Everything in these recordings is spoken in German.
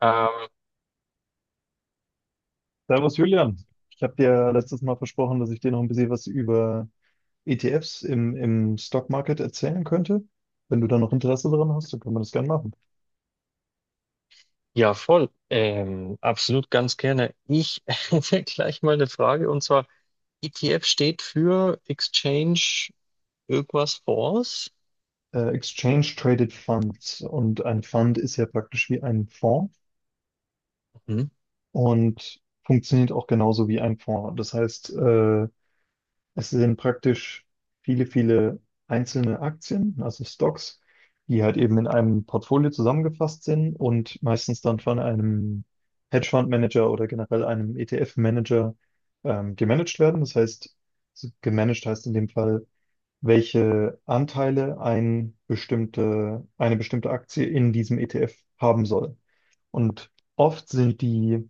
Ähm, Servus Julian, ich habe dir letztes Mal versprochen, dass ich dir noch ein bisschen was über ETFs im Stock Market erzählen könnte. Wenn du da noch Interesse daran hast, dann können wir das gerne machen. ja, voll. Absolut ganz gerne. Ich hätte gleich mal eine Frage, und zwar, ETF steht für Exchange irgendwas Force? Exchange Traded Funds und ein Fund ist ja praktisch wie ein Fonds Mhm. und funktioniert auch genauso wie ein Fonds. Das heißt, es sind praktisch viele, viele einzelne Aktien, also Stocks, die halt eben in einem Portfolio zusammengefasst sind und meistens dann von einem Hedgefondsmanager oder generell einem ETF-Manager gemanagt werden. Das heißt, so gemanagt heißt in dem Fall, welche Anteile eine bestimmte Aktie in diesem ETF haben soll. Und oft sind die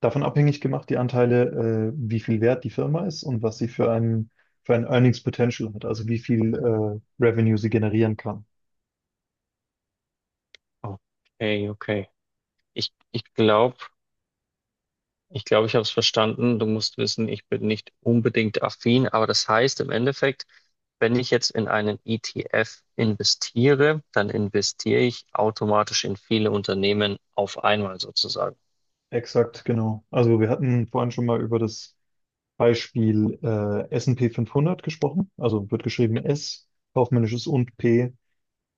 davon abhängig gemacht, die Anteile, wie viel wert die Firma ist und was sie für ein Earnings Potential hat, also wie viel Revenue sie generieren kann. Okay, okay. Ich glaube, ich habe es verstanden. Du musst wissen, ich bin nicht unbedingt affin, aber das heißt im Endeffekt, wenn ich jetzt in einen ETF investiere, dann investiere ich automatisch in viele Unternehmen auf einmal sozusagen. Exakt, genau. Also wir hatten vorhin schon mal über das Beispiel S&P fünfhundert gesprochen. Also wird geschrieben S, kaufmännisches und P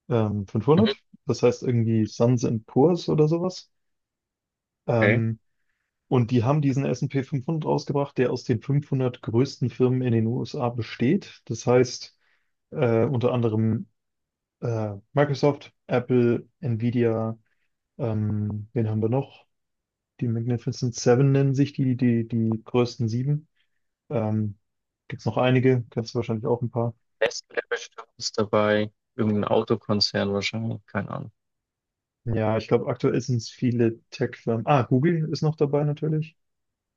Mhm. 500. Das heißt irgendwie Suns and Poors oder sowas. Okay. Ähm, Und die haben diesen S&P 500 rausgebracht, der aus den 500 größten Firmen in den USA besteht. Das heißt, unter anderem Microsoft, Apple, Nvidia, wen haben wir noch? Die Magnificent Seven nennen sich die größten sieben. Ähm, gibt es noch einige, kennst du wahrscheinlich auch ein paar. Nestle bestimmt ist dabei. Irgendein Autokonzern wahrscheinlich. Keine Ahnung. Ja, ich glaube, aktuell sind es viele Tech-Firmen. Ah, Google ist noch dabei natürlich.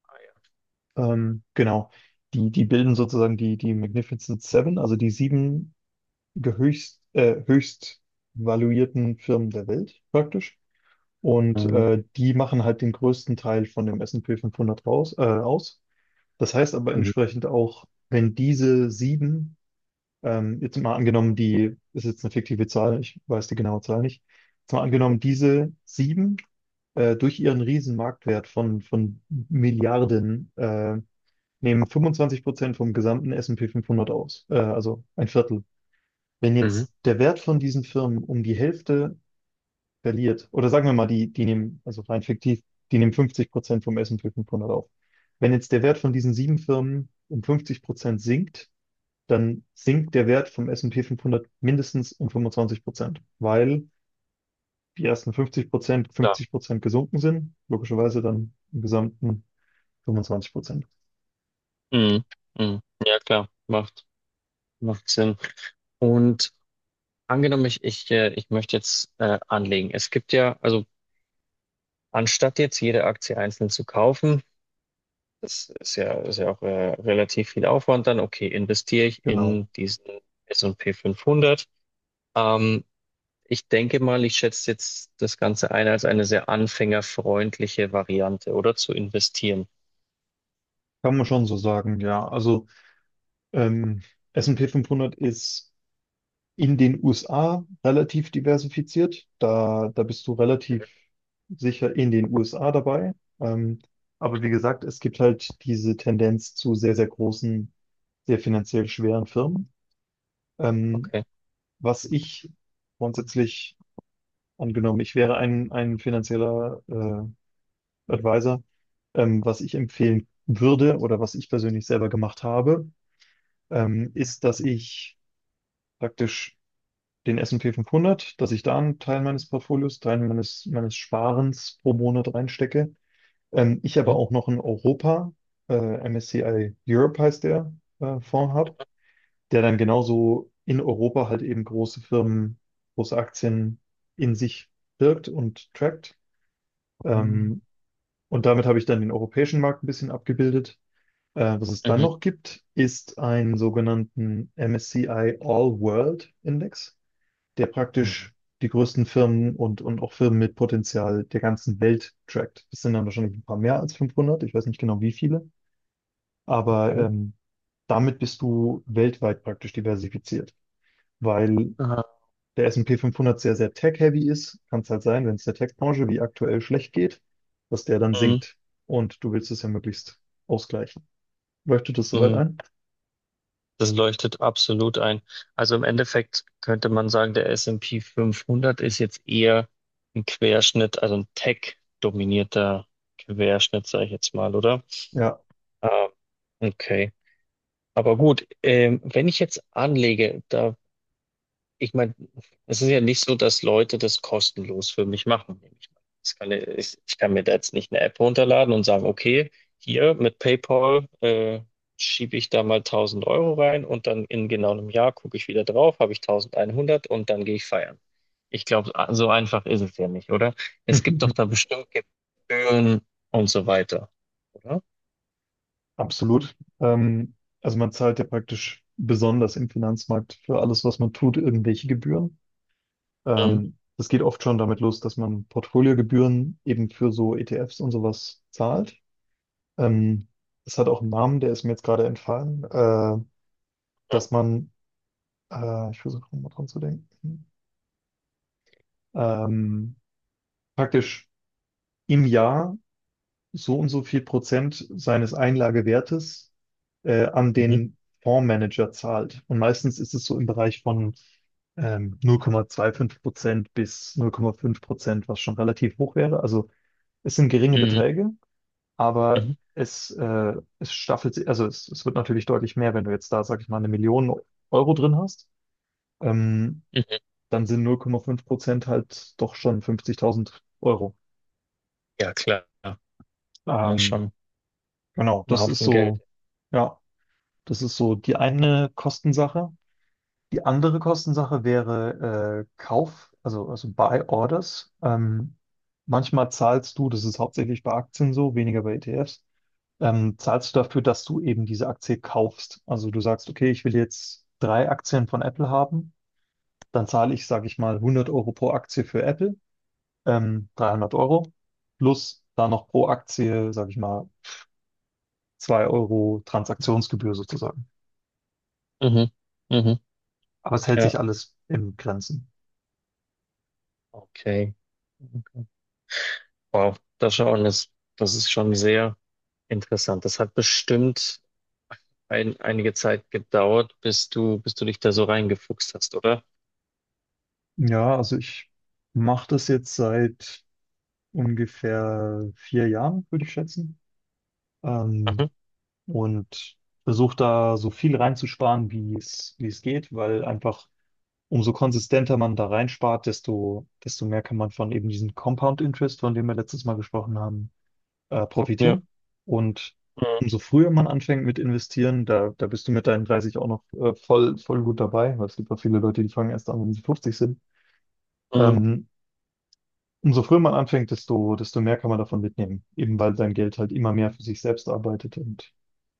Ah, ja. Genau. Die bilden sozusagen die Magnificent Seven, also die sieben der höchst valuierten Firmen der Welt praktisch. Und Ähm, die machen halt den größten Teil von dem S&P 500 aus. Das heißt aber Mhm. entsprechend auch, wenn diese sieben, jetzt mal angenommen, die ist jetzt eine fiktive Zahl, ich weiß die genaue Zahl nicht, jetzt mal angenommen, diese sieben durch ihren riesen Marktwert von Milliarden nehmen 25% vom gesamten S&P 500 aus, also ein Viertel, wenn Mhm. jetzt der Wert von diesen Firmen um die Hälfte verliert, oder sagen wir mal, die nehmen, also rein fiktiv, die nehmen 50% vom S&P 500 auf. Wenn jetzt der Wert von diesen sieben Firmen um 50% sinkt, dann sinkt der Wert vom S&P 500 mindestens um 25%, weil die ersten 50% Klar. 50% gesunken sind, logischerweise dann im Gesamten 25%. Mhm. Mhm. Ja, klar. Macht Sinn. Und angenommen, ich möchte jetzt anlegen. Es gibt ja, also anstatt jetzt jede Aktie einzeln zu kaufen, ist ja auch relativ viel Aufwand dann. Okay, investiere ich Genau. in diesen S&P 500. Ähm, Ich denke mal, ich schätze jetzt das Ganze ein als eine sehr anfängerfreundliche Variante, oder? Zu investieren. Kann man schon so sagen, ja. Also ähm, S&P 500 ist in den USA relativ diversifiziert. Da bist du relativ sicher in den USA dabei. Ähm, aber wie gesagt, es gibt halt diese Tendenz zu sehr, sehr großen, sehr finanziell schweren Firmen. Ähm, Okay. was ich grundsätzlich, angenommen, ich wäre ein finanzieller Advisor, was ich empfehlen würde oder was ich persönlich selber gemacht habe, ist, dass ich praktisch den S&P 500, dass ich da einen Teil meines Portfolios, Teil meines Sparens pro Monat reinstecke. Ich aber Mhm. auch noch einen Europa, äh, MSCI Europe heißt der, Fonds habe, der dann genauso in Europa halt eben große Firmen, große Aktien in sich birgt und trackt. Mhm. Ähm, und damit habe ich dann den europäischen Markt ein bisschen abgebildet. Was es dann Mhm. noch gibt, ist einen sogenannten MSCI All World Index, der Mhm. praktisch die größten Firmen und auch Firmen mit Potenzial der ganzen Welt trackt. Das sind dann wahrscheinlich ein paar mehr als 500. Ich weiß nicht genau, wie viele, aber Okay. Damit bist du weltweit praktisch diversifiziert, weil Aha. der S&P 500 sehr, sehr tech-heavy ist. Kann es halt sein, wenn es der Tech-Branche wie aktuell schlecht geht, dass der dann Mhm. sinkt und du willst es ja möglichst ausgleichen. Leuchtet das soweit Mhm. ein? Das leuchtet absolut ein. Also im Endeffekt könnte man sagen, der S&P 500 ist jetzt eher ein Querschnitt, also ein Tech-dominierter Querschnitt, sage ich jetzt mal, oder? Ja. Ah, okay. Aber gut, wenn ich jetzt anlege, da, ich meine, es ist ja nicht so, dass Leute das kostenlos für mich machen, nehme ich mal Das kann, ich kann mir da jetzt nicht eine App runterladen und sagen, okay, hier mit PayPal schiebe ich da mal 1000 Euro rein, und dann in genau einem Jahr gucke ich wieder drauf, habe ich 1100 und dann gehe ich feiern. Ich glaube, so einfach ist es ja nicht, oder? Es gibt doch da bestimmt Gebühren und so weiter, oder? Absolut. Also man zahlt ja praktisch besonders im Finanzmarkt für alles, was man tut, irgendwelche Gebühren. Mhm. Das geht oft schon damit los, dass man Portfoliogebühren eben für so ETFs und sowas zahlt. Ähm, das hat auch einen Namen, der ist mir jetzt gerade entfallen, dass man, ich versuche mal dran zu denken, ähm, praktisch im Jahr so und so viel Prozent seines Einlagewertes an Mhm. den Fondsmanager zahlt. Und meistens ist es so im Bereich von 0,25% bis 0,5%, was schon relativ hoch wäre. Also es sind geringe Mhm. Beträge, aber Mhm. es staffelt sich, also es wird natürlich deutlich mehr, wenn du jetzt da, sag ich mal, eine Million Euro drin hast, ähm, Mhm. dann sind 0,5% halt doch schon 50.000 Euro. Ja, klar. Ja, Ähm, schon genau, ein das ist Haufen Geld. so, ja. Das ist so die eine Kostensache. Die andere Kostensache wäre Kauf, also Buy Orders. Manchmal zahlst du, das ist hauptsächlich bei Aktien so, weniger bei ETFs, zahlst du dafür, dass du eben diese Aktie kaufst. Also du sagst, okay, ich will jetzt drei Aktien von Apple haben, dann zahle ich, sage ich mal, 100 Euro pro Aktie für Apple, 300 Euro, plus da noch pro Aktie, sage ich mal, 2 Euro Transaktionsgebühr sozusagen. Mhm. Mhm. Aber es hält Ja. sich alles im Grenzen. Okay. Okay. Wow, das ist schon sehr interessant. Das hat bestimmt einige Zeit gedauert, bis du dich da so reingefuchst hast, oder? Ja, also ich mache das jetzt seit ungefähr 4 Jahren, würde ich schätzen. Ähm, Mhm. und versuche da so viel reinzusparen, wie es geht, weil einfach, umso konsistenter man da reinspart, desto mehr kann man von eben diesem Compound Interest, von dem wir letztes Mal gesprochen haben, Ja. profitieren. Und Mhm. umso früher man anfängt mit investieren, da bist du mit deinen 30 auch noch voll, voll gut dabei, weil es gibt auch viele Leute, die fangen erst an, wenn sie 50 sind. Mhm. Ähm, Umso früher man anfängt, desto mehr kann man davon mitnehmen, eben weil sein Geld halt immer mehr für sich selbst arbeitet, und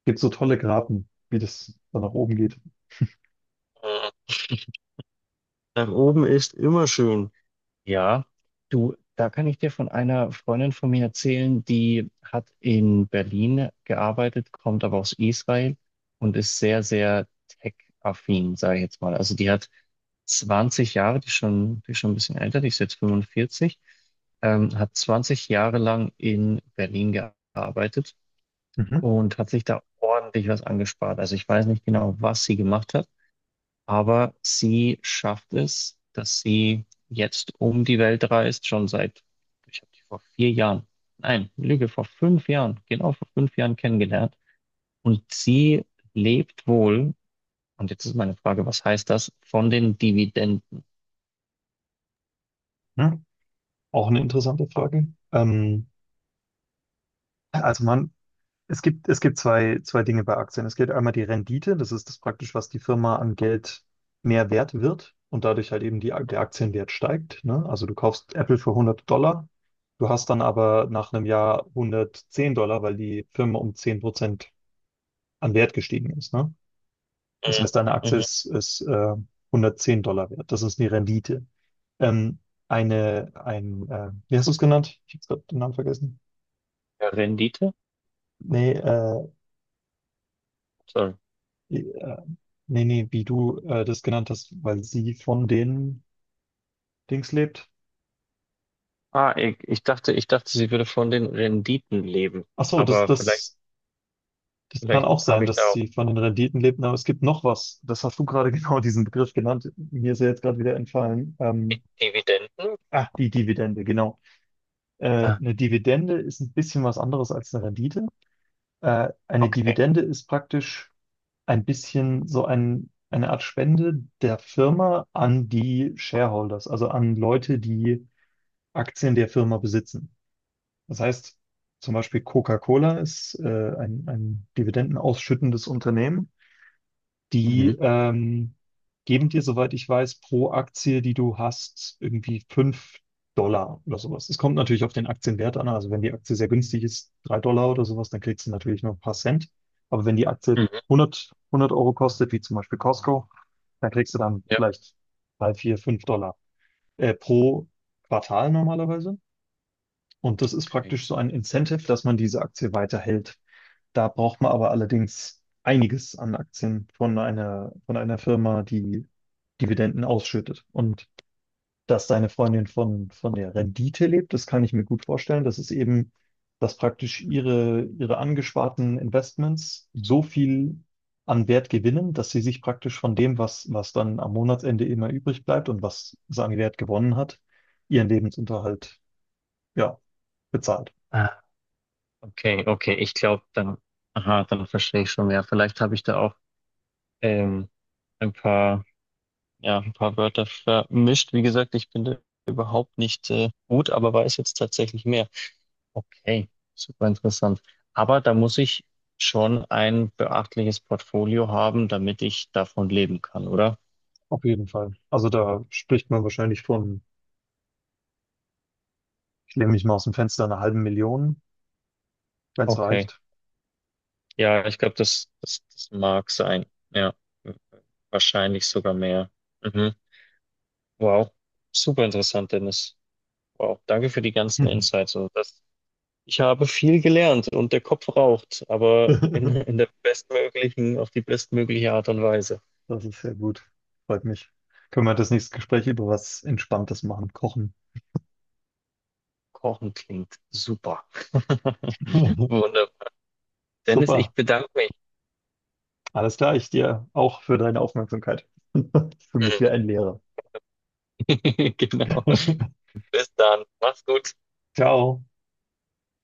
gibt so tolle Graten, wie das dann nach oben geht. Mhm. Nach oben ist immer schön. Ja, du, da kann ich dir von einer Freundin von mir erzählen, die hat in Berlin gearbeitet, kommt aber aus Israel und ist sehr, sehr tech-affin, sage ich jetzt mal. Also die hat 20 Jahre, die ist schon ein bisschen älter, die ist jetzt 45, hat 20 Jahre lang in Berlin gearbeitet Mhm. und hat sich da ordentlich was angespart. Also ich weiß nicht genau, was sie gemacht hat. Aber sie schafft es, dass sie jetzt um die Welt reist, schon seit, ich habe die vor vier Jahren, nein, Lüge, vor 5 Jahren, genau vor 5 Jahren kennengelernt. Und sie lebt wohl, und jetzt ist meine Frage, was heißt das, von den Dividenden? Ja. Auch eine interessante Frage. Also es gibt zwei Dinge bei Aktien. Es gibt einmal die Rendite, das ist das praktisch, was die Firma an Geld mehr wert wird, und dadurch halt eben der Aktienwert steigt, ne? Also du kaufst Apple für 100 Dollar, du hast dann aber nach einem Jahr 110 Dollar, weil die Firma um 10% an Wert gestiegen ist, ne? Das Mhm. heißt, eine Aktie Mhm. ist 110 Dollar wert. Das ist die Rendite. Ähm, wie hast du es genannt? Ich habe gerade den Namen vergessen. Ja, Rendite? Nee, Sorry. äh, nee, nee, wie du das genannt hast, weil sie von den Dings lebt. Ah, ich dachte, sie würde von den Renditen leben. Ach so, das, Aber vielleicht, das, das kann vielleicht auch habe sein, ich da dass auch sie von den Renditen lebt, aber es gibt noch was. Das hast du gerade genau diesen Begriff genannt. Mir ist er jetzt gerade wieder entfallen. Ähm, Di- Dividenden. ach, die Dividende, genau. Äh, Ah, eine Dividende ist ein bisschen was anderes als eine Rendite. Eine okay. Dividende ist praktisch ein bisschen so eine Art Spende der Firma an die Shareholders, also an Leute, die Aktien der Firma besitzen. Das heißt, zum Beispiel Coca-Cola ist ein dividendenausschüttendes Unternehmen. Die Mhm. Geben dir, soweit ich weiß, pro Aktie, die du hast, irgendwie 5 Dollar oder sowas. Es kommt natürlich auf den Aktienwert an. Also wenn die Aktie sehr günstig ist, 3 Dollar oder sowas, dann kriegst du natürlich nur ein paar Cent. Aber wenn die Aktie Mhm. hundert Euro kostet, wie zum Beispiel Costco, dann kriegst du dann Ja, vielleicht 3 4 5 Dollar pro Quartal normalerweise. Und das ist okay. praktisch so ein Incentive, dass man diese Aktie weiterhält. Da braucht man aber allerdings einiges an Aktien von einer Firma, die Dividenden ausschüttet. Und dass deine Freundin von der Rendite lebt, das kann ich mir gut vorstellen. Das ist eben, dass praktisch ihre angesparten Investments so viel an Wert gewinnen, dass sie sich praktisch von dem, was dann am Monatsende immer übrig bleibt und was sie an Wert gewonnen hat, ihren Lebensunterhalt, ja, bezahlt. Okay, ich glaube dann, aha, dann verstehe ich schon mehr. Vielleicht habe ich da auch ähm, ein paar, ja, ein paar Wörter vermischt. Wie gesagt, ich bin da überhaupt nicht gut, aber weiß jetzt tatsächlich mehr. Okay, super interessant. Aber da muss ich schon ein beachtliches Portfolio haben, damit ich davon leben kann, oder? Auf jeden Fall. Also da spricht man wahrscheinlich von, ich lehne mich mal aus dem Fenster, einer halben Million, wenn es Okay, reicht. ja, ich glaube, das mag sein. Ja, wahrscheinlich sogar mehr. Mhm. Wow, super interessant, Dennis. Wow, danke für die ganzen Insights. Also das, ich habe viel gelernt und der Kopf raucht, aber in der bestmöglichen, auf die bestmögliche Art und Weise. Das ist sehr gut. Freut mich. Können wir das nächste Gespräch über was Entspanntes machen? Kochen. Kochen klingt super. Wunderbar. Dennis, Super. ich bedanke mich. Alles klar. Ich dir auch für deine Aufmerksamkeit. Für mich wie ein Lehrer. Genau. Bis dann. Mach's gut. Ciao.